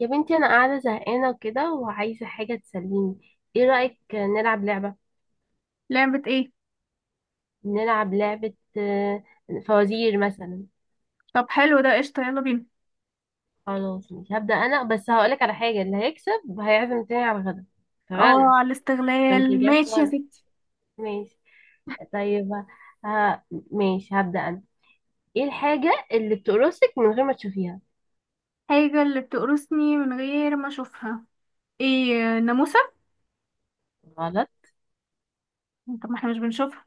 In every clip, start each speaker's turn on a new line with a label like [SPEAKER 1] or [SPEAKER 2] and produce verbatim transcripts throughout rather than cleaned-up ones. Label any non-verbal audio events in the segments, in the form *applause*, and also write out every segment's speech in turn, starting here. [SPEAKER 1] يا بنتي انا قاعده زهقانه وكده وعايزه حاجه تسليني. ايه رايك نلعب لعبه؟
[SPEAKER 2] لعبة ايه؟
[SPEAKER 1] نلعب لعبه. آه، فوازير مثلا.
[SPEAKER 2] طب حلو ده، قشطة، يلا بينا.
[SPEAKER 1] خلاص مش هبدا انا، بس هقولك على حاجه، اللي هيكسب هيعزم التاني على الغدا.
[SPEAKER 2] اه،
[SPEAKER 1] اتفقنا؟
[SPEAKER 2] على
[SPEAKER 1] عشان ما
[SPEAKER 2] الاستغلال
[SPEAKER 1] ترجعش
[SPEAKER 2] ماشي يا
[SPEAKER 1] ورا.
[SPEAKER 2] ستي.
[SPEAKER 1] ماشي. طيب. ها. ماشي هبدا انا. ايه الحاجه اللي بتقرصك من غير ما تشوفيها؟
[SPEAKER 2] حاجة اللي بتقرصني من غير ما اشوفها؟ ايه، ناموسة.
[SPEAKER 1] غلط.
[SPEAKER 2] طب ما احنا مش بنشوفها.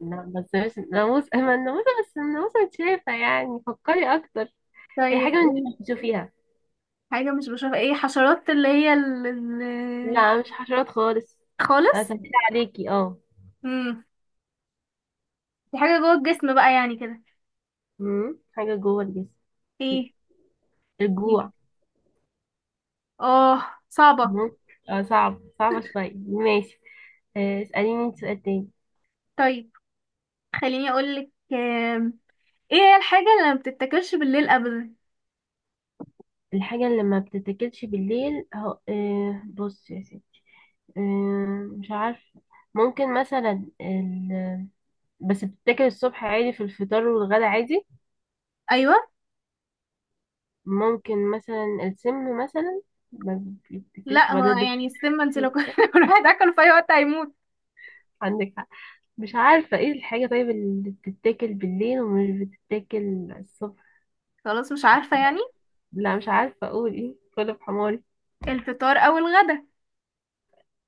[SPEAKER 1] لا، بس بس ناموس، ما الناموسه، بس الناموسه متشافه، يعني فكري اكتر. هي حاجه
[SPEAKER 2] طيب
[SPEAKER 1] انت مش
[SPEAKER 2] ايه؟
[SPEAKER 1] بتشوفيها.
[SPEAKER 2] حاجة مش بشوفها، ايه؟ حشرات اللي هي ال... ال...
[SPEAKER 1] لا مش حشرات خالص.
[SPEAKER 2] خالص
[SPEAKER 1] اسهل عليكي، اه.
[SPEAKER 2] امم دي حاجة جوه الجسم بقى يعني كده.
[SPEAKER 1] مم. حاجة جوه الجسم.
[SPEAKER 2] ايه؟ ايه؟
[SPEAKER 1] الجوع.
[SPEAKER 2] اه، صعبة.
[SPEAKER 1] مم. اه صعب، صعبة شوية، ماشي. آه، اسأليني انت سؤال تاني.
[SPEAKER 2] طيب، خليني اقولك، آم، ايه هي الحاجة اللي ما بتتاكلش بالليل ابدا؟
[SPEAKER 1] الحاجة اللي ما بتتاكلش بالليل هو، آه، بص يا ستي. آه، مش عارفة. ممكن مثلا ال... بس بتتاكل الصبح عادي في الفطار والغدا عادي.
[SPEAKER 2] ايوه.
[SPEAKER 1] ممكن مثلا السم مثلا، ما بتتاكلش
[SPEAKER 2] لا، هو
[SPEAKER 1] بعدين بس.
[SPEAKER 2] يعني السم انت لو كل
[SPEAKER 1] *laughs*
[SPEAKER 2] *laughs* واحد اكله في اي وقت هيموت.
[SPEAKER 1] عندك. مش عارفة ايه الحاجة طيب اللي بتتاكل بالليل ومش بتتاكل الصبح.
[SPEAKER 2] خلاص مش عارفة يعني.
[SPEAKER 1] لا مش عارفة اقول ايه، كله بحماري.
[SPEAKER 2] الفطار أو الغدا.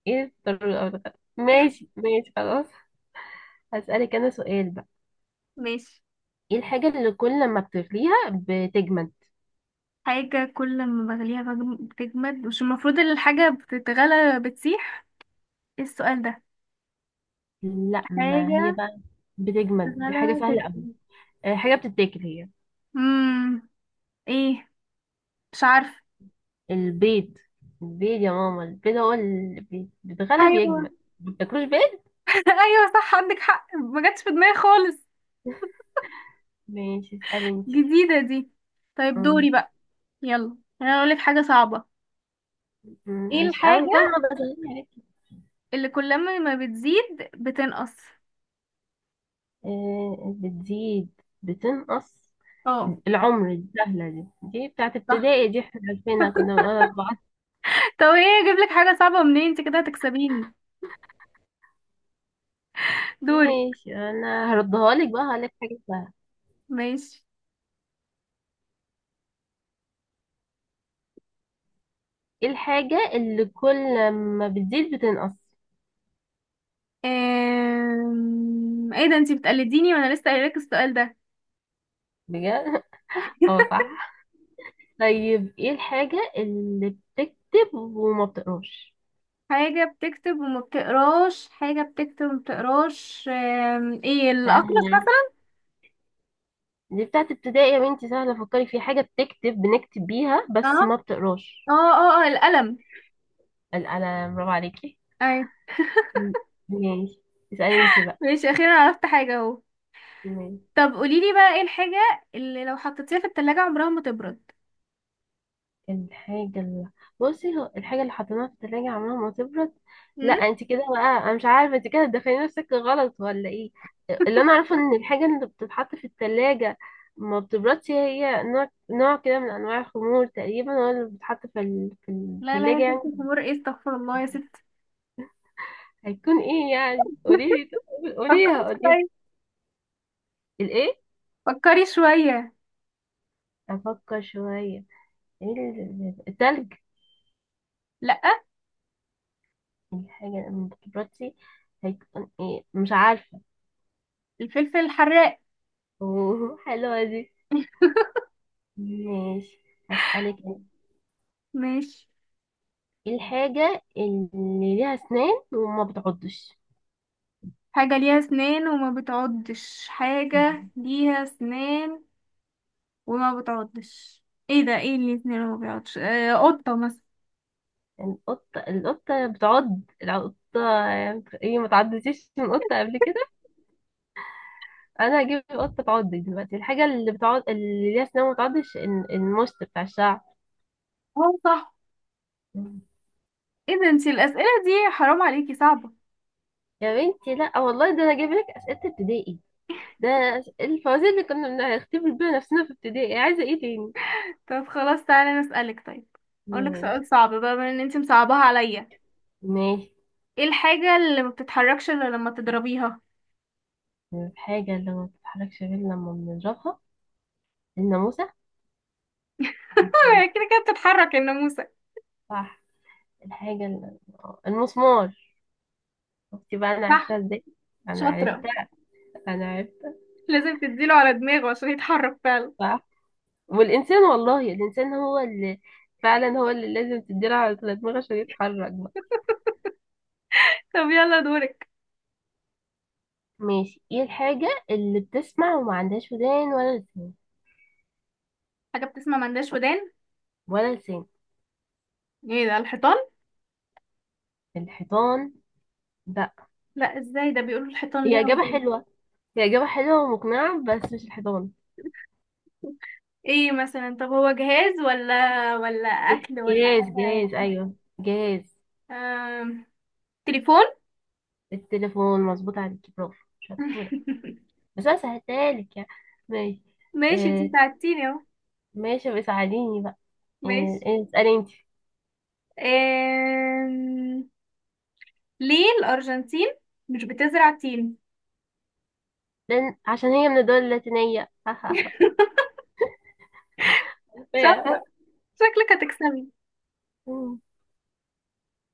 [SPEAKER 1] ايه الضرورة او الغدا،
[SPEAKER 2] *laughs*
[SPEAKER 1] ماشي ماشي خلاص. هسألك انا سؤال بقى.
[SPEAKER 2] ماشي.
[SPEAKER 1] ايه الحاجة اللي كل ما بتغليها بتجمد؟
[SPEAKER 2] حاجة كل ما بغليها بجم- بتجمد؟ مش المفروض إن الحاجة بتتغلى بتسيح؟ ايه السؤال ده؟
[SPEAKER 1] لا ما هي
[SPEAKER 2] حاجة
[SPEAKER 1] بقى بتجمد دي حاجة
[SPEAKER 2] بتتغلى
[SPEAKER 1] سهلة أوي.
[SPEAKER 2] تجمد.
[SPEAKER 1] آه، حاجة بتتاكل هي.
[SPEAKER 2] مم. ايه؟ مش عارفة.
[SPEAKER 1] البيض. البيض يا ماما، البيض هو اللي بي- بيتغلى
[SPEAKER 2] ايوه.
[SPEAKER 1] بيجمد. ما بتاكلوش بيض.
[SPEAKER 2] *laughs* ايوه صح، عندك حق، ما جاتش في دماغي خالص،
[SPEAKER 1] ماشي. اسألي انتي.
[SPEAKER 2] جديدة دي. طيب
[SPEAKER 1] مم.
[SPEAKER 2] دوري بقى. يلا انا اقولك حاجة صعبة.
[SPEAKER 1] مم،
[SPEAKER 2] ايه
[SPEAKER 1] مش قوي بقى،
[SPEAKER 2] الحاجة
[SPEAKER 1] ما بتغلي عليك.
[SPEAKER 2] اللي كل ما بتزيد بتنقص؟
[SPEAKER 1] آه، بتزيد بتنقص.
[SPEAKER 2] اه
[SPEAKER 1] العمر، السهلة دي، دي بتاعت
[SPEAKER 2] صح.
[SPEAKER 1] ابتدائي، دي احنا عارفينها كنا بنقول أربعة.
[SPEAKER 2] *laughs* طب ايه، اجيب لك حاجة صعبة منين؟ انت كده هتكسبيني. دوري.
[SPEAKER 1] ماشي، أنا هردها لك بقى، هقولك حاجة سهلة.
[SPEAKER 2] ماشي.
[SPEAKER 1] ايه الحاجة اللي كل ما بتزيد بتنقص؟
[SPEAKER 2] أم... ايه ده، انتي بتقلديني وانا لسه قايلك السؤال ده.
[SPEAKER 1] بجد. *laughs* اه
[SPEAKER 2] *laughs*
[SPEAKER 1] صح. طيب، ايه الحاجة اللي بتكتب وما بتقراش؟
[SPEAKER 2] حاجة بتكتب وما بتقراش؟ حاجة بتكتب وما بتقراش، أم... ايه، الأقرص
[SPEAKER 1] سهلة،
[SPEAKER 2] مثلا؟
[SPEAKER 1] دي بتاعت ابتدائي يا بنتي، سهلة، فكري في حاجة بتكتب، بنكتب بيها
[SPEAKER 2] اه
[SPEAKER 1] بس ما بتقراش.
[SPEAKER 2] اه اه اه، القلم.
[SPEAKER 1] القلم، برافو عليكي.
[SPEAKER 2] ايوه.
[SPEAKER 1] م- ماشي. اسألي انت بقى.
[SPEAKER 2] ماشي، اخيرا عرفت حاجة اهو.
[SPEAKER 1] ماشي.
[SPEAKER 2] طب قوليلي بقى، ايه الحاجة اللي لو حطيتيها في التلاجة عمرها ما تبرد؟
[SPEAKER 1] الحاجة اللي، بصي، هو الحاجة اللي حطيناها في التلاجة عمرها ما تبرد. لا
[SPEAKER 2] مم؟
[SPEAKER 1] انت كده بقى، انا مش عارفة انت كده تدخلي نفسك غلط ولا ايه. اللي انا عارفة ان الحاجة اللي بتتحط في التلاجة ما بتبردش، هي نوع نوع كده من انواع الخمور تقريبا، هو اللي بتتحط في ال... في
[SPEAKER 2] لا لا يا
[SPEAKER 1] التلاجة
[SPEAKER 2] ستي،
[SPEAKER 1] يعني.
[SPEAKER 2] الأمور ايه، استغفر الله يا ستي. *laughs*
[SPEAKER 1] هيكون ايه يعني، قوليلي. قوليها
[SPEAKER 2] فكري
[SPEAKER 1] قوليها.
[SPEAKER 2] شوية،
[SPEAKER 1] الايه؟
[SPEAKER 2] فكري شوية.
[SPEAKER 1] افكر شوية. ايه ال- التلج؟
[SPEAKER 2] لأ.
[SPEAKER 1] الحاجة اللي ما بتبردش هيكون ايه، مش عارفة.
[SPEAKER 2] الفلفل الحراق.
[SPEAKER 1] *laughs* اوه، حلوة دي. ماشي، هسألك أنا.
[SPEAKER 2] ماشي.
[SPEAKER 1] ايه الحاجة اللي ليها أسنان وما بتعضش؟
[SPEAKER 2] حاجة ليها اسنان وما بتعضش؟ حاجة ليها اسنان وما بتعضش، ايه ده؟ ايه اللي اسنان وما بيعضش؟ آه قطة مثلا؟
[SPEAKER 1] القطة القطة بتعض، القطة. ايه، ما تعضتيش من قطة قبل كده؟ أنا هجيب قطة تعض دلوقتي. الحاجة اللي بتعض اللي ليها أسنان وما بتعضش ال- المشط بتاع الشعر.
[SPEAKER 2] اه صح.
[SPEAKER 1] مم.
[SPEAKER 2] ايه ده، انتي الأسئلة دي حرام عليكي، صعبة.
[SPEAKER 1] يا بنتي لا، آه والله ده أنا جايب لك أسئلة ابتدائي، ده الفوازير اللي كنا بنختبر بيها نفسنا في ابتدائي. إيه، عايزة ايه تاني؟
[SPEAKER 2] طب خلاص، تعالى نسألك طيب. اقولك
[SPEAKER 1] ماشي.
[SPEAKER 2] سؤال صعب بقى بما ان انتي مصعباها عليا.
[SPEAKER 1] ماشي.
[SPEAKER 2] ايه الحاجة اللي ما بتتحركش الا لما تضربيها؟ *laughs*
[SPEAKER 1] الحاجة اللي ما بتتحركش غير لما بنضربها، الناموس.
[SPEAKER 2] آه، كده كده بتتحرك يا ناموسة.
[SPEAKER 1] صح. الحاجة ال- المسمار. شفتي بقى، أنا عرفتها
[SPEAKER 2] صح.
[SPEAKER 1] ازاي. أنا
[SPEAKER 2] شاطرة.
[SPEAKER 1] عرفتها. أنا عرفتها.
[SPEAKER 2] لازم تديله على دماغه عشان يتحرك فعلا.
[SPEAKER 1] صح. والإنسان، والله الإنسان هو اللي، فعلا هو اللي لازم تديله على دماغه عشان يتحرك بقى.
[SPEAKER 2] طب يلا دورك.
[SPEAKER 1] ماشي. ايه الحاجة اللي بتسمع وما عندهاش ودان ولا لسان؟
[SPEAKER 2] حاجة بتسمع ملهاش ودان،
[SPEAKER 1] ولا لسان.
[SPEAKER 2] ايه ده؟ الحيطان.
[SPEAKER 1] الحيطان، لا.
[SPEAKER 2] لا، ازاي ده، بيقولوا الحيطان
[SPEAKER 1] هي
[SPEAKER 2] ليها
[SPEAKER 1] إجابة
[SPEAKER 2] ودان.
[SPEAKER 1] حلوة، هي إجابة حلوة ومقنعة، بس مش الحيطان.
[SPEAKER 2] ايه مثلا؟ طب هو جهاز ولا ولا اكل ولا
[SPEAKER 1] جهاز
[SPEAKER 2] حاجة
[SPEAKER 1] جهاز
[SPEAKER 2] يعني؟
[SPEAKER 1] أيوه، جهاز.
[SPEAKER 2] آم... تليفون.
[SPEAKER 1] التليفون، مظبوط عليكي، برافو شطورة.
[SPEAKER 2] *laughs*
[SPEAKER 1] بس انا سهلتهالك يعني. ماشي.
[SPEAKER 2] ماشي، انت
[SPEAKER 1] آه.
[SPEAKER 2] ساعدتيني اهو.
[SPEAKER 1] ماشي، بس ساعديني بقى. آه
[SPEAKER 2] ماشي.
[SPEAKER 1] آه، اسألي انت.
[SPEAKER 2] آم... ليه الارجنتين مش بتزرع تين؟
[SPEAKER 1] لأن عشان هي من الدول اللاتينية *laughs*
[SPEAKER 2] *laughs*
[SPEAKER 1] فيها.
[SPEAKER 2] شاطرة، شكلك هتكسبي.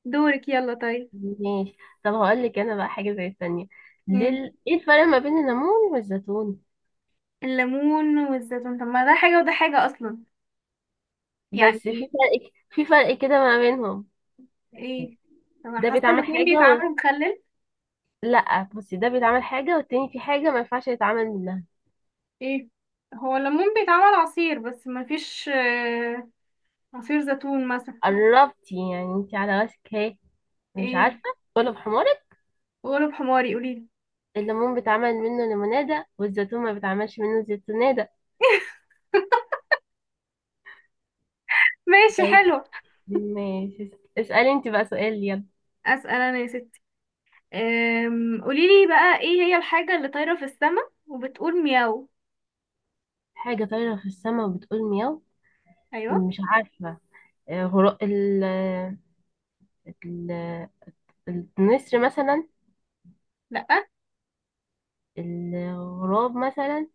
[SPEAKER 2] دورك يلا طيب.
[SPEAKER 1] ماشي. طب هقول لك انا بقى حاجة زي الثانية. ليه
[SPEAKER 2] مم.
[SPEAKER 1] ال- ايه الفرق ما بين الليمون والزيتون؟
[SPEAKER 2] الليمون والزيتون، طب ما ده حاجة وده حاجة اصلا يعني.
[SPEAKER 1] بس في فرق، في فرق كده ما بينهم.
[SPEAKER 2] ايه؟ طب انا
[SPEAKER 1] ده
[SPEAKER 2] حاسة
[SPEAKER 1] بيتعمل
[SPEAKER 2] الاتنين
[SPEAKER 1] حاجة و...
[SPEAKER 2] بيتعاملوا مخلل.
[SPEAKER 1] لا بصي، ده بيتعمل حاجة والتاني في حاجة ما ينفعش يتعمل منها.
[SPEAKER 2] ايه؟ هو الليمون بيتعمل عصير بس مفيش، آه، عصير زيتون مثلا.
[SPEAKER 1] قربتي يعني، انت على راسك اهي. مش
[SPEAKER 2] ايه؟
[SPEAKER 1] عارفة، كله بحمار.
[SPEAKER 2] قولوا حماري، قوليلي.
[SPEAKER 1] الليمون بيتعمل منه ليمونادة، والزيتون ما بيتعملش منه زيتونادة.
[SPEAKER 2] ماشي
[SPEAKER 1] طيب.
[SPEAKER 2] حلو.
[SPEAKER 1] ماشي. اسألي انت بقى سؤال يلا.
[SPEAKER 2] اسأل انا يا ستي. أم، قوليلي بقى، ايه هي الحاجة اللي طايرة في السماء وبتقول مياو؟
[SPEAKER 1] حاجة طايرة في السماء وبتقول مياو،
[SPEAKER 2] ايوه.
[SPEAKER 1] مش عارفة. آه، غراب ال ال النسر مثلا.
[SPEAKER 2] لا.
[SPEAKER 1] الغراب مثلا.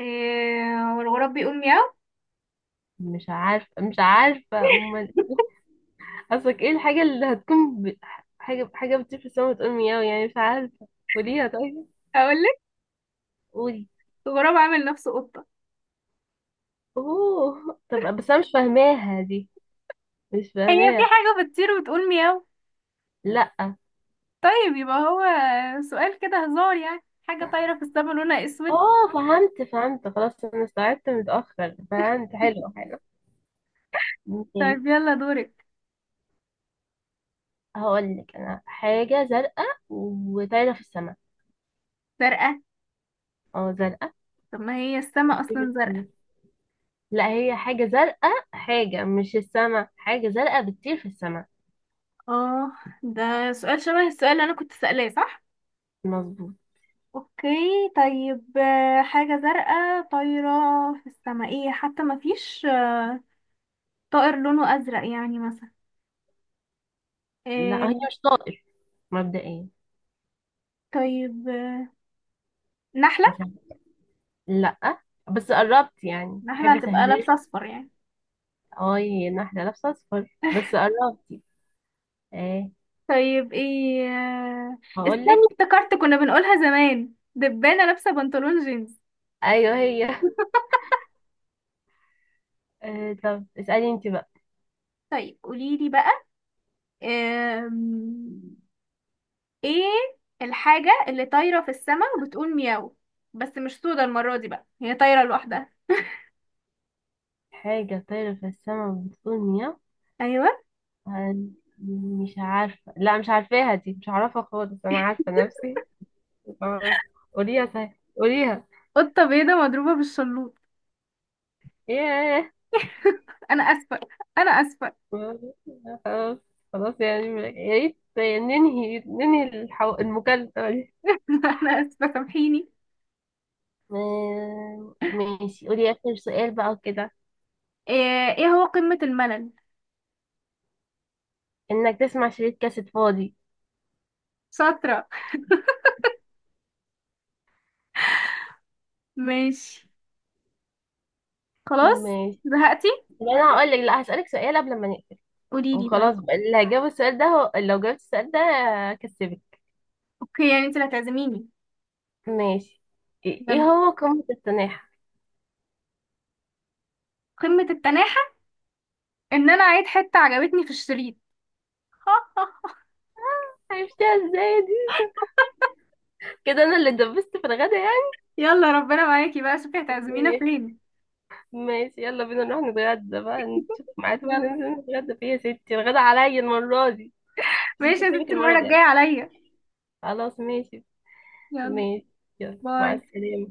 [SPEAKER 2] إيه، والغراب بيقول مياو؟
[SPEAKER 1] مش عارفة مش عارفة، أمال إيه؟ قصدك ايه الحاجة اللي هتكون ب... حاجة حاجة بتطير في السماء وتقول مياو يعني، مش عارفة. قوليها طيب.
[SPEAKER 2] هقولك،
[SPEAKER 1] قولي.
[SPEAKER 2] الغراب عامل نفسه قطة.
[SPEAKER 1] اوه، طب بس انا مش فاهماها دي، مش
[SPEAKER 2] هي في
[SPEAKER 1] فاهماها.
[SPEAKER 2] حاجة بتطير وبتقول مياو؟
[SPEAKER 1] لا.
[SPEAKER 2] طيب يبقى هو سؤال كده هزار يعني. حاجة طايرة في السماء لونها اسود.
[SPEAKER 1] اه فهمت فهمت، خلاص انا استوعبت متأخر، فهمت، حلو حلو. ماشي.
[SPEAKER 2] طيب يلا دورك.
[SPEAKER 1] هقول لك انا حاجة زرقاء وطايرة في السماء.
[SPEAKER 2] زرقاء؟
[SPEAKER 1] اه زرقاء.
[SPEAKER 2] طب ما هي السماء
[SPEAKER 1] بتطير في
[SPEAKER 2] اصلا
[SPEAKER 1] السماء.
[SPEAKER 2] زرقاء.
[SPEAKER 1] لا، هي حاجة زرقاء، حاجة مش السماء، حاجة زرقاء بتطير في السماء.
[SPEAKER 2] اه، ده سؤال شبه السؤال اللي انا كنت سألاه، صح؟
[SPEAKER 1] مظبوط.
[SPEAKER 2] اوكي. طيب آه، حاجة زرقاء طايرة في السماء، ايه؟ حتى ما فيش، آه، طائر لونه ازرق يعني مثلا.
[SPEAKER 1] لا هي
[SPEAKER 2] إيه؟
[SPEAKER 1] مش طائر، مبدئيا.
[SPEAKER 2] طيب، آه، نحلة.
[SPEAKER 1] عشان، لا، بس قربت يعني، تحب
[SPEAKER 2] نحلة هتبقى
[SPEAKER 1] اسهلك.
[SPEAKER 2] لابسة اصفر يعني.
[SPEAKER 1] اه، هي إن واحدة لابسة اصفر، بس
[SPEAKER 2] *laughs*
[SPEAKER 1] قربتي. ايه.
[SPEAKER 2] طيب ايه، آه، استني،
[SPEAKER 1] هقول لك.
[SPEAKER 2] افتكرت، كنا بنقولها زمان، دبانة لابسة بنطلون جينز.
[SPEAKER 1] ايوه هي. آه، طب اسألي انت بقى.
[SPEAKER 2] طيب قوليلي بقى، آم، ايه الحاجة اللي طايرة في السماء وبتقول مياو بس مش سودة المرة دي بقى، هي طايرة لوحدها؟
[SPEAKER 1] حاجة طايرة في السماء بتطول نيا.
[SPEAKER 2] ايوه.
[SPEAKER 1] هن- مش عارفة، لا مش عارفاها دي، مش عارفة خالص، أنا عارفة نفسي، مش عارفة. قوليها صحيح، قوليها.
[SPEAKER 2] قطة بيضة مضروبة بالشلوط.
[SPEAKER 1] ياه.
[SPEAKER 2] *laughs* انا اسفة، انا اسفة.
[SPEAKER 1] *laughs* خلاص، خلاص يعني، يا ريت ننهي، ننهي الحو... المكالمة دي.
[SPEAKER 2] *laughs* انا اسفة سامحيني.
[SPEAKER 1] آه، ماشي، قولي آخر سؤال بقى كده.
[SPEAKER 2] ايه؟ إيه هو قمة الملل؟
[SPEAKER 1] إنك تسمع شريط كاسيت فاضي.
[SPEAKER 2] شاطرة. *laughs* ماشي. خلاص.
[SPEAKER 1] ماشي.
[SPEAKER 2] زهقتي؟
[SPEAKER 1] لا، أنا هقول لك، لا هسألك سؤال قبل ما نقفل،
[SPEAKER 2] قوليلي طيب.
[SPEAKER 1] وخلاص بقى، اللي هجاوب السؤال ده هو... لو جاوبت السؤال ده كسبت.
[SPEAKER 2] اوكي، يعني انت اللي هتعزميني.
[SPEAKER 1] ماشي. ايه، إيه
[SPEAKER 2] يلا.
[SPEAKER 1] هو قمة التناحة؟
[SPEAKER 2] قمة التناحة؟ ان انا عيد حتة عجبتني في الشريط. *laughs*
[SPEAKER 1] عرفتها ازاي دي؟ كده انا اللي دبست في الغدا يعني.
[SPEAKER 2] يلا ربنا معاكي بقى، شوفي هتعزمينا
[SPEAKER 1] ماشي.
[SPEAKER 2] فين.
[SPEAKER 1] ماشي، يلا بينا نروح نتغدى بقى،
[SPEAKER 2] *laughs*
[SPEAKER 1] نشوف ميعاد
[SPEAKER 2] يلا.
[SPEAKER 1] وننزل نتغدى فيه يا ستي، الغدا عليا المرة دي. بس مش
[SPEAKER 2] ماشي يا
[SPEAKER 1] هسيبك
[SPEAKER 2] ستي،
[SPEAKER 1] المرة
[SPEAKER 2] المرة الجاية
[SPEAKER 1] الجاية.
[SPEAKER 2] عليا.
[SPEAKER 1] خلاص ماشي.
[SPEAKER 2] يلا.
[SPEAKER 1] ماشي. يلا مع
[SPEAKER 2] باي.
[SPEAKER 1] السلامة.